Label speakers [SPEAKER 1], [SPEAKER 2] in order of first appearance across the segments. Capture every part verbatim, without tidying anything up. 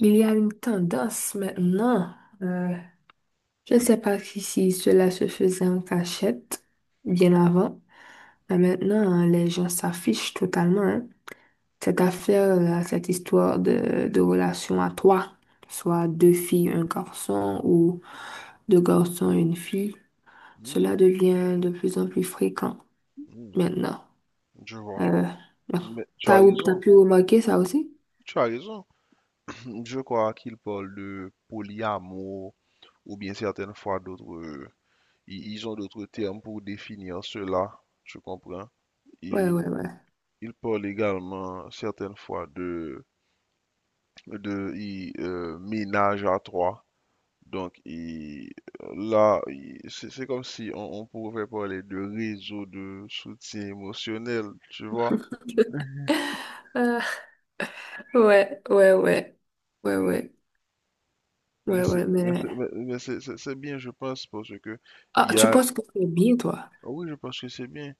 [SPEAKER 1] Il y a une tendance maintenant, euh, je ne sais pas si, si cela se faisait en cachette bien avant, mais maintenant hein, les gens s'affichent totalement. hein. Cette affaire, là, cette histoire de, de relation à trois, soit deux filles, un garçon ou deux garçons, une fille,
[SPEAKER 2] Hmm,
[SPEAKER 1] cela devient de plus en plus fréquent
[SPEAKER 2] hmm,
[SPEAKER 1] maintenant.
[SPEAKER 2] je vois.
[SPEAKER 1] Euh, bon.
[SPEAKER 2] Mais tu as
[SPEAKER 1] T'as, t'as
[SPEAKER 2] raison,
[SPEAKER 1] pu remarquer ça aussi?
[SPEAKER 2] tu as raison. Je crois qu'ils parlent de polyamour ou bien certaines fois d'autres. Ils ils ont d'autres termes pour définir cela, je comprends.
[SPEAKER 1] Ouais,
[SPEAKER 2] Et
[SPEAKER 1] ouais,
[SPEAKER 2] ils parlent également certaines fois de, de ils, euh, ménage à trois. Donc ils- là, ils- c'est c'est comme si on, on pouvait parler de réseau de soutien émotionnel, tu vois.
[SPEAKER 1] ouais. Ouais, ouais, ouais. Ouais, ouais.
[SPEAKER 2] Mais
[SPEAKER 1] Ouais,
[SPEAKER 2] c'est
[SPEAKER 1] ouais,
[SPEAKER 2] mais
[SPEAKER 1] mais...
[SPEAKER 2] c'est- mais- mais c'est- c'est- c'est bien, je pense, parce que
[SPEAKER 1] Ah,
[SPEAKER 2] il y
[SPEAKER 1] tu
[SPEAKER 2] a,
[SPEAKER 1] penses que c'est bien, toi?
[SPEAKER 2] ah oui, je pense que c'est bien.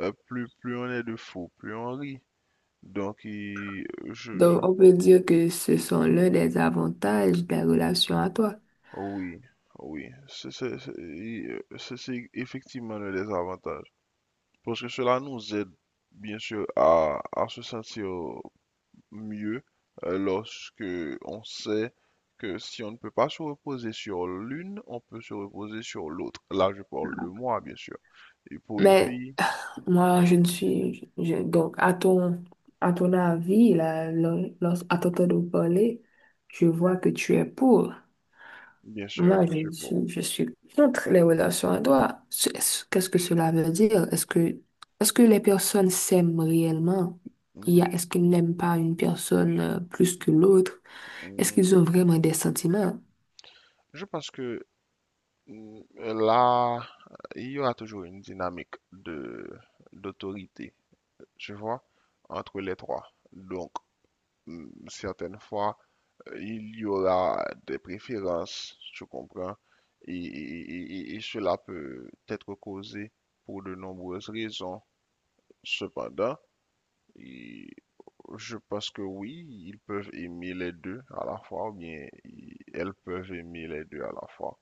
[SPEAKER 2] Euh, plus, plus on est de fous, plus on rit. Donc, il- je, je,
[SPEAKER 1] Donc, on peut dire que ce sont l'un des avantages de la relation à toi.
[SPEAKER 2] ah oui, ah oui, c'est c'est- c'est- il- euh, c'est- c'est effectivement le désavantage. Parce que cela nous aide, bien sûr, à, à se sentir mieux euh, lorsque on sait que si on ne peut pas se reposer sur l'une, on peut se reposer sur l'autre. Là, je parle de moi, bien sûr. Et pour une
[SPEAKER 1] Mais
[SPEAKER 2] fille,
[SPEAKER 1] moi, je ne suis... je- Donc, à ton, à ton avis, là, lo- lo- à t'entendre parler, je vois que tu es pour.
[SPEAKER 2] bien sûr,
[SPEAKER 1] Moi,
[SPEAKER 2] je
[SPEAKER 1] je
[SPEAKER 2] sais pas.
[SPEAKER 1] suis, je suis contre les relations à droit. Ce- ce- Qu'est-ce que cela veut dire? Est-ce que, est-ce que les personnes s'aiment réellement? Il y
[SPEAKER 2] Hmm,
[SPEAKER 1] a, est-ce qu'ils n'aiment pas une personne euh, plus que l'autre? Est-ce qu'ils ont
[SPEAKER 2] hmm.
[SPEAKER 1] vraiment des sentiments?
[SPEAKER 2] Je pense que hmm, là, il y aura toujours une dynamique de d'autorité, tu vois, entre les trois. Donc, hmm, certaines fois, il y aura des préférences, tu comprends, et, et- et- et cela peut être causé pour de nombreuses raisons. Cependant, il- je pense que oui, ils peuvent aimer les deux à la fois, ou bien ils- elles peuvent aimer les deux à la fois.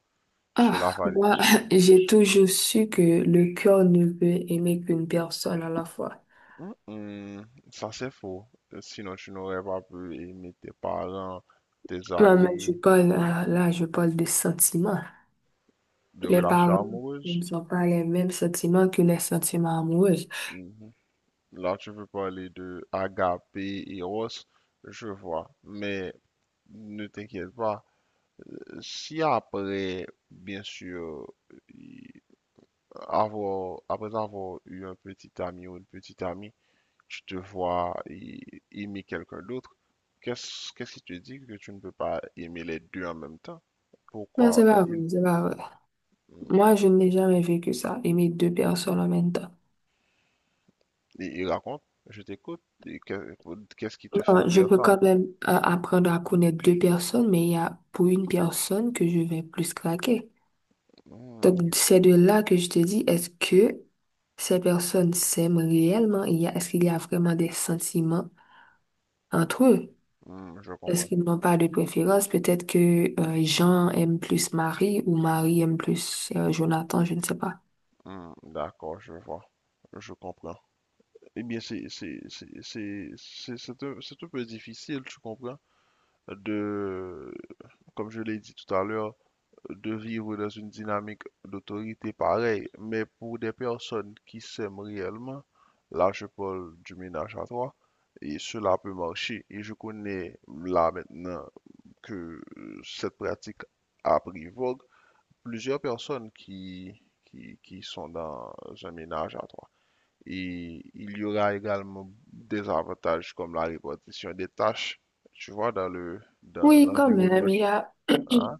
[SPEAKER 2] Cela
[SPEAKER 1] Ah,
[SPEAKER 2] va...
[SPEAKER 1] moi,
[SPEAKER 2] ce-
[SPEAKER 1] j'ai toujours su que le cœur ne peut aimer qu'une personne à la fois.
[SPEAKER 2] Hum, hum, ça c'est faux. Sinon, tu n'aurais pas pu aimer tes parents, tes
[SPEAKER 1] Moi, mais je
[SPEAKER 2] amis,
[SPEAKER 1] parle, euh, là, je parle de sentiments.
[SPEAKER 2] de
[SPEAKER 1] Les
[SPEAKER 2] relations
[SPEAKER 1] parents ne
[SPEAKER 2] amoureuses.
[SPEAKER 1] sont pas les mêmes sentiments que les sentiments amoureux.
[SPEAKER 2] Mhm. Là, tu veux parler de Agapé et Eros, je vois. Mais ne t'inquiète pas. Si après, bien sûr, y- avoir, après avoir eu un petit ami ou une petite amie, tu te vois y- aimer quelqu'un d'autre, qu'est-ce, qu'est-ce qui te dit que tu ne peux pas aimer les deux en même temps?
[SPEAKER 1] Non,
[SPEAKER 2] Pourquoi
[SPEAKER 1] c'est pas vrai,
[SPEAKER 2] il,
[SPEAKER 1] c'est pas vrai. Moi, je n'ai jamais vécu ça, aimer deux personnes en même temps.
[SPEAKER 2] il- il raconte, je t'écoute, et que- qu'est-ce qui te
[SPEAKER 1] Non,
[SPEAKER 2] fait
[SPEAKER 1] ouais, je
[SPEAKER 2] dire
[SPEAKER 1] peux
[SPEAKER 2] ça?
[SPEAKER 1] quand même euh, apprendre à connaître deux personnes, mais il y a pour une personne que je vais plus craquer.
[SPEAKER 2] Hmm,
[SPEAKER 1] Donc,
[SPEAKER 2] je
[SPEAKER 1] c'est de là que je te dis, est-ce que ces personnes s'aiment réellement? Il y a, est-ce qu'il y a vraiment des sentiments entre eux?
[SPEAKER 2] hmm, je
[SPEAKER 1] Est-ce
[SPEAKER 2] comprends.
[SPEAKER 1] qu'ils n'ont pas de préférence? Peut-être que euh, Jean aime plus Marie ou Marie aime plus euh, Jonathan, je ne sais pas.
[SPEAKER 2] Hmm, d'accord, je vois, je comprends. Eh bien, c'est c'est c'est c'est c'est c'est un, c'est un peu difficile, tu comprends, de, comme je l'ai dit tout à l'heure, de vivre dans une dynamique d'autorité pareille. Mais pour des personnes qui s'aiment réellement, là, je parle du ménage à trois, et cela peut marcher. Et je connais là maintenant que euh, cette pratique a pris vogue. Plusieurs personnes qui qui qui sont dans un ménage à trois. Et il y aura également des avantages comme la répartition des tâches, tu vois, dans le, dans
[SPEAKER 1] Oui, quand
[SPEAKER 2] l'environnement.
[SPEAKER 1] même, il y a...
[SPEAKER 2] Hein?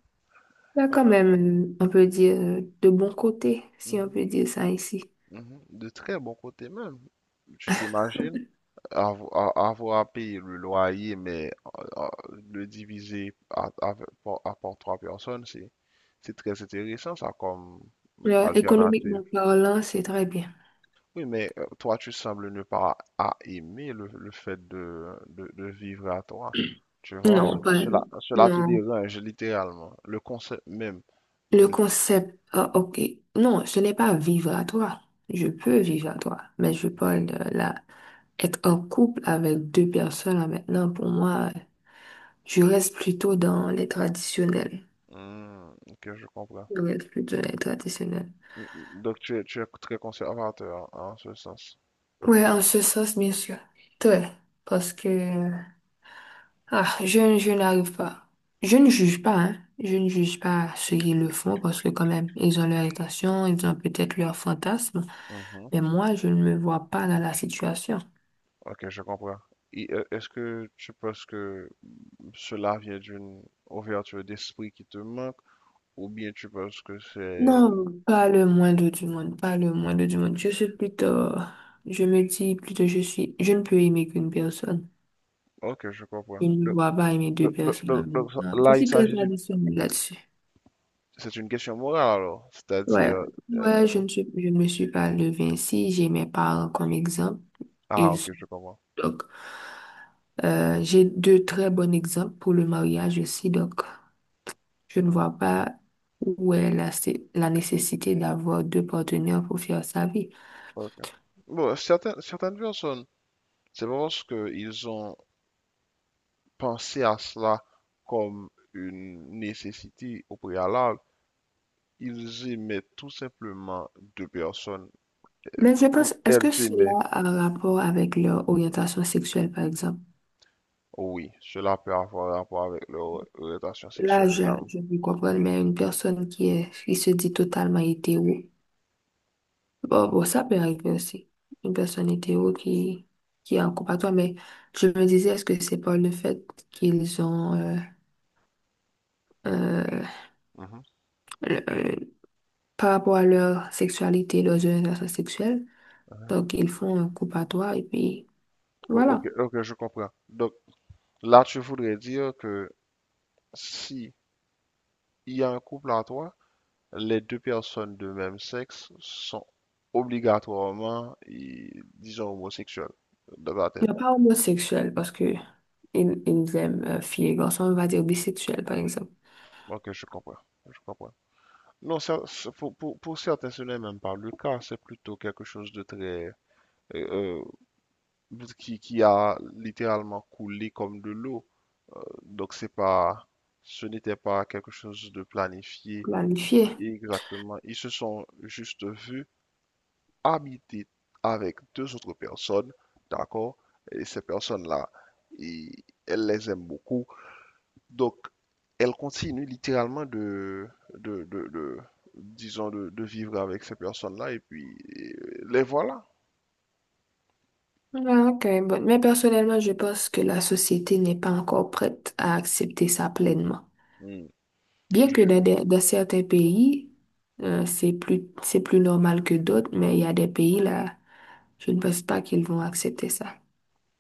[SPEAKER 1] Il y a quand même, euh, on peut dire, euh, de bons côtés, si on
[SPEAKER 2] Mhm,
[SPEAKER 1] peut dire ça ici.
[SPEAKER 2] mhm. De très bon côté même. Tu t'imagines avo- a- avoir à payer le loyer, mais euh, euh, le diviser à, à- par, à- par trois personnes, c'est, c'est très intéressant ça comme
[SPEAKER 1] Là,
[SPEAKER 2] alternative.
[SPEAKER 1] économiquement parlant, c'est très bien.
[SPEAKER 2] Oui, mais euh, toi, tu sembles ne pas à aimer le, le fait de, de, de vivre à toi. Tu vois,
[SPEAKER 1] Non,
[SPEAKER 2] ce-
[SPEAKER 1] pas,
[SPEAKER 2] cela, cela te
[SPEAKER 1] non.
[SPEAKER 2] dérange littéralement. Le concept même.
[SPEAKER 1] Le
[SPEAKER 2] ne-
[SPEAKER 1] concept, ah, ok. Non, ce n'est pas vivre à toi. Je peux vivre à toi, mais je parle de la, être en couple avec deux personnes là, maintenant. Pour moi, je reste plutôt dans les traditionnels.
[SPEAKER 2] Hmm, ok, je comprends.
[SPEAKER 1] Je reste plutôt dans les traditionnels.
[SPEAKER 2] Donc, tu es, tu es très conservateur hein, en ce sens.
[SPEAKER 1] Ouais, en ce sens, bien sûr. Très. Parce que ah, je, je n'arrive pas. Je ne juge pas, hein. Je ne juge pas ceux qui le font parce que quand même, ils ont leur intention, ils ont peut-être leur fantasme.
[SPEAKER 2] Mhm.
[SPEAKER 1] Mais moi, je ne me vois pas dans la situation.
[SPEAKER 2] Ok, je comprends. Et, euh, est-ce que tu penses que cela vient d'une ouverture d'esprit qui te manque, ou bien tu penses que c'est...
[SPEAKER 1] Non, pas le moindre du monde, pas le moindre du monde. Je suis plutôt, je me dis plutôt, je suis, je ne peux aimer qu'une personne.
[SPEAKER 2] Ok, je comprends.
[SPEAKER 1] Je ne me
[SPEAKER 2] Donc,
[SPEAKER 1] vois pas aimer deux
[SPEAKER 2] donc- donc-
[SPEAKER 1] personnes en
[SPEAKER 2] donc-
[SPEAKER 1] même
[SPEAKER 2] donc, ça-
[SPEAKER 1] temps. Je
[SPEAKER 2] là, il
[SPEAKER 1] suis très
[SPEAKER 2] s'agit d'une
[SPEAKER 1] traditionnelle là-dessus.
[SPEAKER 2] c'est une question morale, alors.
[SPEAKER 1] Ouais,
[SPEAKER 2] C'est-à-dire... euh,
[SPEAKER 1] ouais, je ne suis, je ne me suis pas levée ainsi. J'ai mes parents comme exemple.
[SPEAKER 2] ah,
[SPEAKER 1] Ils
[SPEAKER 2] ok, je comprends.
[SPEAKER 1] Donc, euh, j'ai deux très bons exemples pour le mariage aussi. Donc, je ne
[SPEAKER 2] Hmm,
[SPEAKER 1] vois pas où est la, sé- la nécessité d'avoir deux partenaires pour faire sa vie.
[SPEAKER 2] ok. Bon, certaines, certaines personnes, c'est pas parce qu'ils ont pensé à cela comme une nécessité au préalable, ils aimaient tout simplement deux personnes,
[SPEAKER 1] Mais je pense,
[SPEAKER 2] ou
[SPEAKER 1] est-ce
[SPEAKER 2] elles
[SPEAKER 1] que
[SPEAKER 2] aimaient,
[SPEAKER 1] cela a un rapport avec leur orientation sexuelle, par exemple?
[SPEAKER 2] oui, cela peut avoir rapport avec leur orientation
[SPEAKER 1] Là,
[SPEAKER 2] sexuelle
[SPEAKER 1] je,
[SPEAKER 2] également.
[SPEAKER 1] je peux comprendre, mais une personne qui est, qui se dit totalement hétéro, bon, bon, ça peut arriver aussi. Une personne hétéro qui, qui est en couple à toi, mais je me disais, est-ce que c'est pas le fait qu'ils ont, euh, euh,
[SPEAKER 2] Mhm.
[SPEAKER 1] le- euh, par rapport à leur sexualité, leurs orientations sexuelles. Donc, ils font un coup à toi et puis
[SPEAKER 2] O- Ok,
[SPEAKER 1] voilà.
[SPEAKER 2] ok, je comprends. Donc, là, tu voudrais dire que si il y a un couple à toi, les deux personnes de même sexe sont obligatoirement, i- disons, homosexuelles, dans ma tête.
[SPEAKER 1] Mais pas homosexuel parce que ils, ils aiment euh, filles et garçons, on va dire bisexuels par exemple.
[SPEAKER 2] Ok, je comprends. Je comprends. Non, ça- ça- pour, pour, pour certains, ce n'est même pas le cas. C'est plutôt quelque chose de très... euh, euh, qui, qui a littéralement coulé comme de l'eau. Euh, donc, c'est pas... Ce n'était pas quelque chose de planifié
[SPEAKER 1] Planifié.
[SPEAKER 2] exactement. Ils se sont juste vus habiter avec deux autres personnes, d'accord? Et ces personnes-là, et elle les aime beaucoup. Donc, elle continue littéralement de, de, de- de- disons, de, de vivre avec ces personnes-là, et puis euh, les voilà.
[SPEAKER 1] Ah, ok, bon. Mais personnellement, je pense que la société n'est pas encore prête à accepter ça pleinement.
[SPEAKER 2] Hmm.
[SPEAKER 1] Bien que
[SPEAKER 2] Je-
[SPEAKER 1] dans, des- dans certains pays, euh, c'est plus, c'est plus normal que d'autres, mais il y a des pays là, je ne pense pas qu'ils vont accepter ça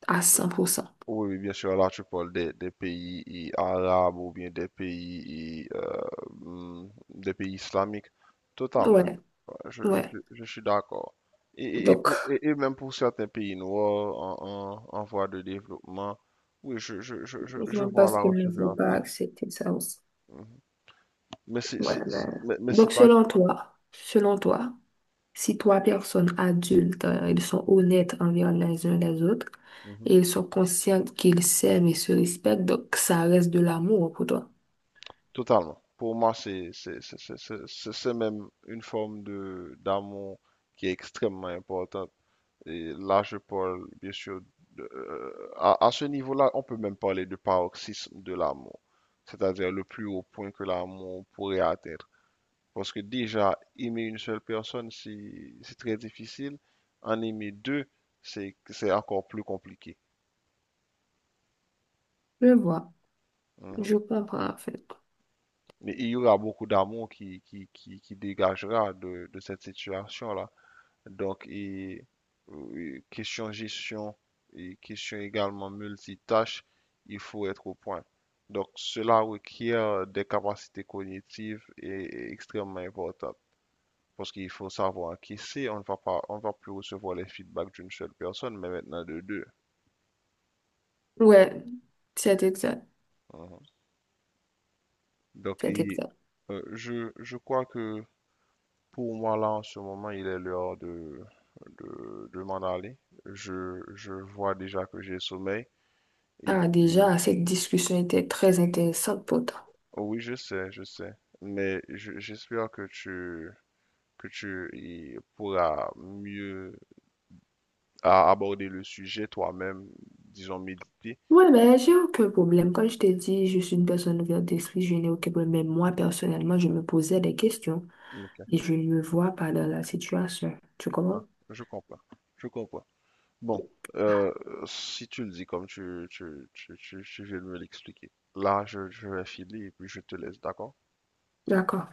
[SPEAKER 1] à cent pour cent.
[SPEAKER 2] oui, oui, bien sûr, là, tu parles des, des pays et arabes ou bien des pays, et, euh, hmm, des pays islamiques. Totalement.
[SPEAKER 1] Ouais.
[SPEAKER 2] Je, je
[SPEAKER 1] Ouais.
[SPEAKER 2] suis je suis d'accord. Et, et- et
[SPEAKER 1] Donc,
[SPEAKER 2] pour, et, et même pour certains pays noirs en, en, en voie de développement, oui, je, je, je, je,
[SPEAKER 1] je
[SPEAKER 2] je
[SPEAKER 1] ne
[SPEAKER 2] vois
[SPEAKER 1] pense
[SPEAKER 2] là
[SPEAKER 1] qu'ils
[SPEAKER 2] où
[SPEAKER 1] ne
[SPEAKER 2] tu veux
[SPEAKER 1] vont
[SPEAKER 2] en
[SPEAKER 1] pas
[SPEAKER 2] venir.
[SPEAKER 1] accepter ça aussi.
[SPEAKER 2] Mhm. Mais c'est
[SPEAKER 1] Ouais,
[SPEAKER 2] c'est-
[SPEAKER 1] mais...
[SPEAKER 2] c'est- mais, mais c'est
[SPEAKER 1] Donc,
[SPEAKER 2] pas...
[SPEAKER 1] selon toi, selon toi, si trois personnes adultes, euh, ils sont honnêtes envers les uns les autres
[SPEAKER 2] Mhm.
[SPEAKER 1] et ils sont conscients qu'ils s'aiment et se respectent, donc ça reste de l'amour pour toi.
[SPEAKER 2] Totalement. Pour moi, c'est c'est- c'est- c'est- c'est- c'est- c'est même une forme de d'amour qui est extrêmement importante. Et là, je parle, bien sûr, de- euh, à, à ce niveau-là, on peut même parler de paroxysme de l'amour, c'est-à-dire le plus haut point que l'amour pourrait atteindre. Parce que déjà, aimer une seule personne, c'est c'est très difficile. En aimer deux, c'est c'est encore plus compliqué.
[SPEAKER 1] Je vois. Je
[SPEAKER 2] Mhm.
[SPEAKER 1] comprends, en fait.
[SPEAKER 2] Mais il y aura beaucoup d'amour qui, qui, qui, qui dégagera de, de cette situation-là. Donc, et, euh, et question gestion et question également multitâche, il faut être au point. Donc, cela requiert euh, des capacités cognitives et, et extrêmement importantes. Parce qu'il faut savoir encaisser, on ne va pas, on va plus recevoir les feedbacks d'une seule personne, mais maintenant de deux.
[SPEAKER 1] Ouais, c'est exact.
[SPEAKER 2] Mhm. Donc,
[SPEAKER 1] C'est
[SPEAKER 2] et,
[SPEAKER 1] exact.
[SPEAKER 2] euh, je, je crois que pour moi, là, en ce moment, il est l'heure de, de, de m'en aller. Je, je vois déjà que j'ai sommeil. Et
[SPEAKER 1] Ah,
[SPEAKER 2] puis,
[SPEAKER 1] déjà, cette discussion était très intéressante pour toi.
[SPEAKER 2] oh oui, je sais, je sais. Mais je- j'espère que tu, que tu y pourras mieux a- aborder le sujet toi-même, disons méditer.
[SPEAKER 1] Ouais, mais j'ai aucun problème. Comme je t'ai dit, je suis une personne ouverte d'esprit, je n'ai aucun problème. Mais moi, personnellement, je me posais des questions
[SPEAKER 2] Ok.
[SPEAKER 1] et je ne me vois pas dans la situation. Tu
[SPEAKER 2] Ah,
[SPEAKER 1] comprends?
[SPEAKER 2] je comprends, je comprends. Bon, euh, si tu le dis comme tu, tu, tu, tu, tu viens de me l'expliquer, là, je, je vais filer et puis je te laisse, d'accord?
[SPEAKER 1] D'accord.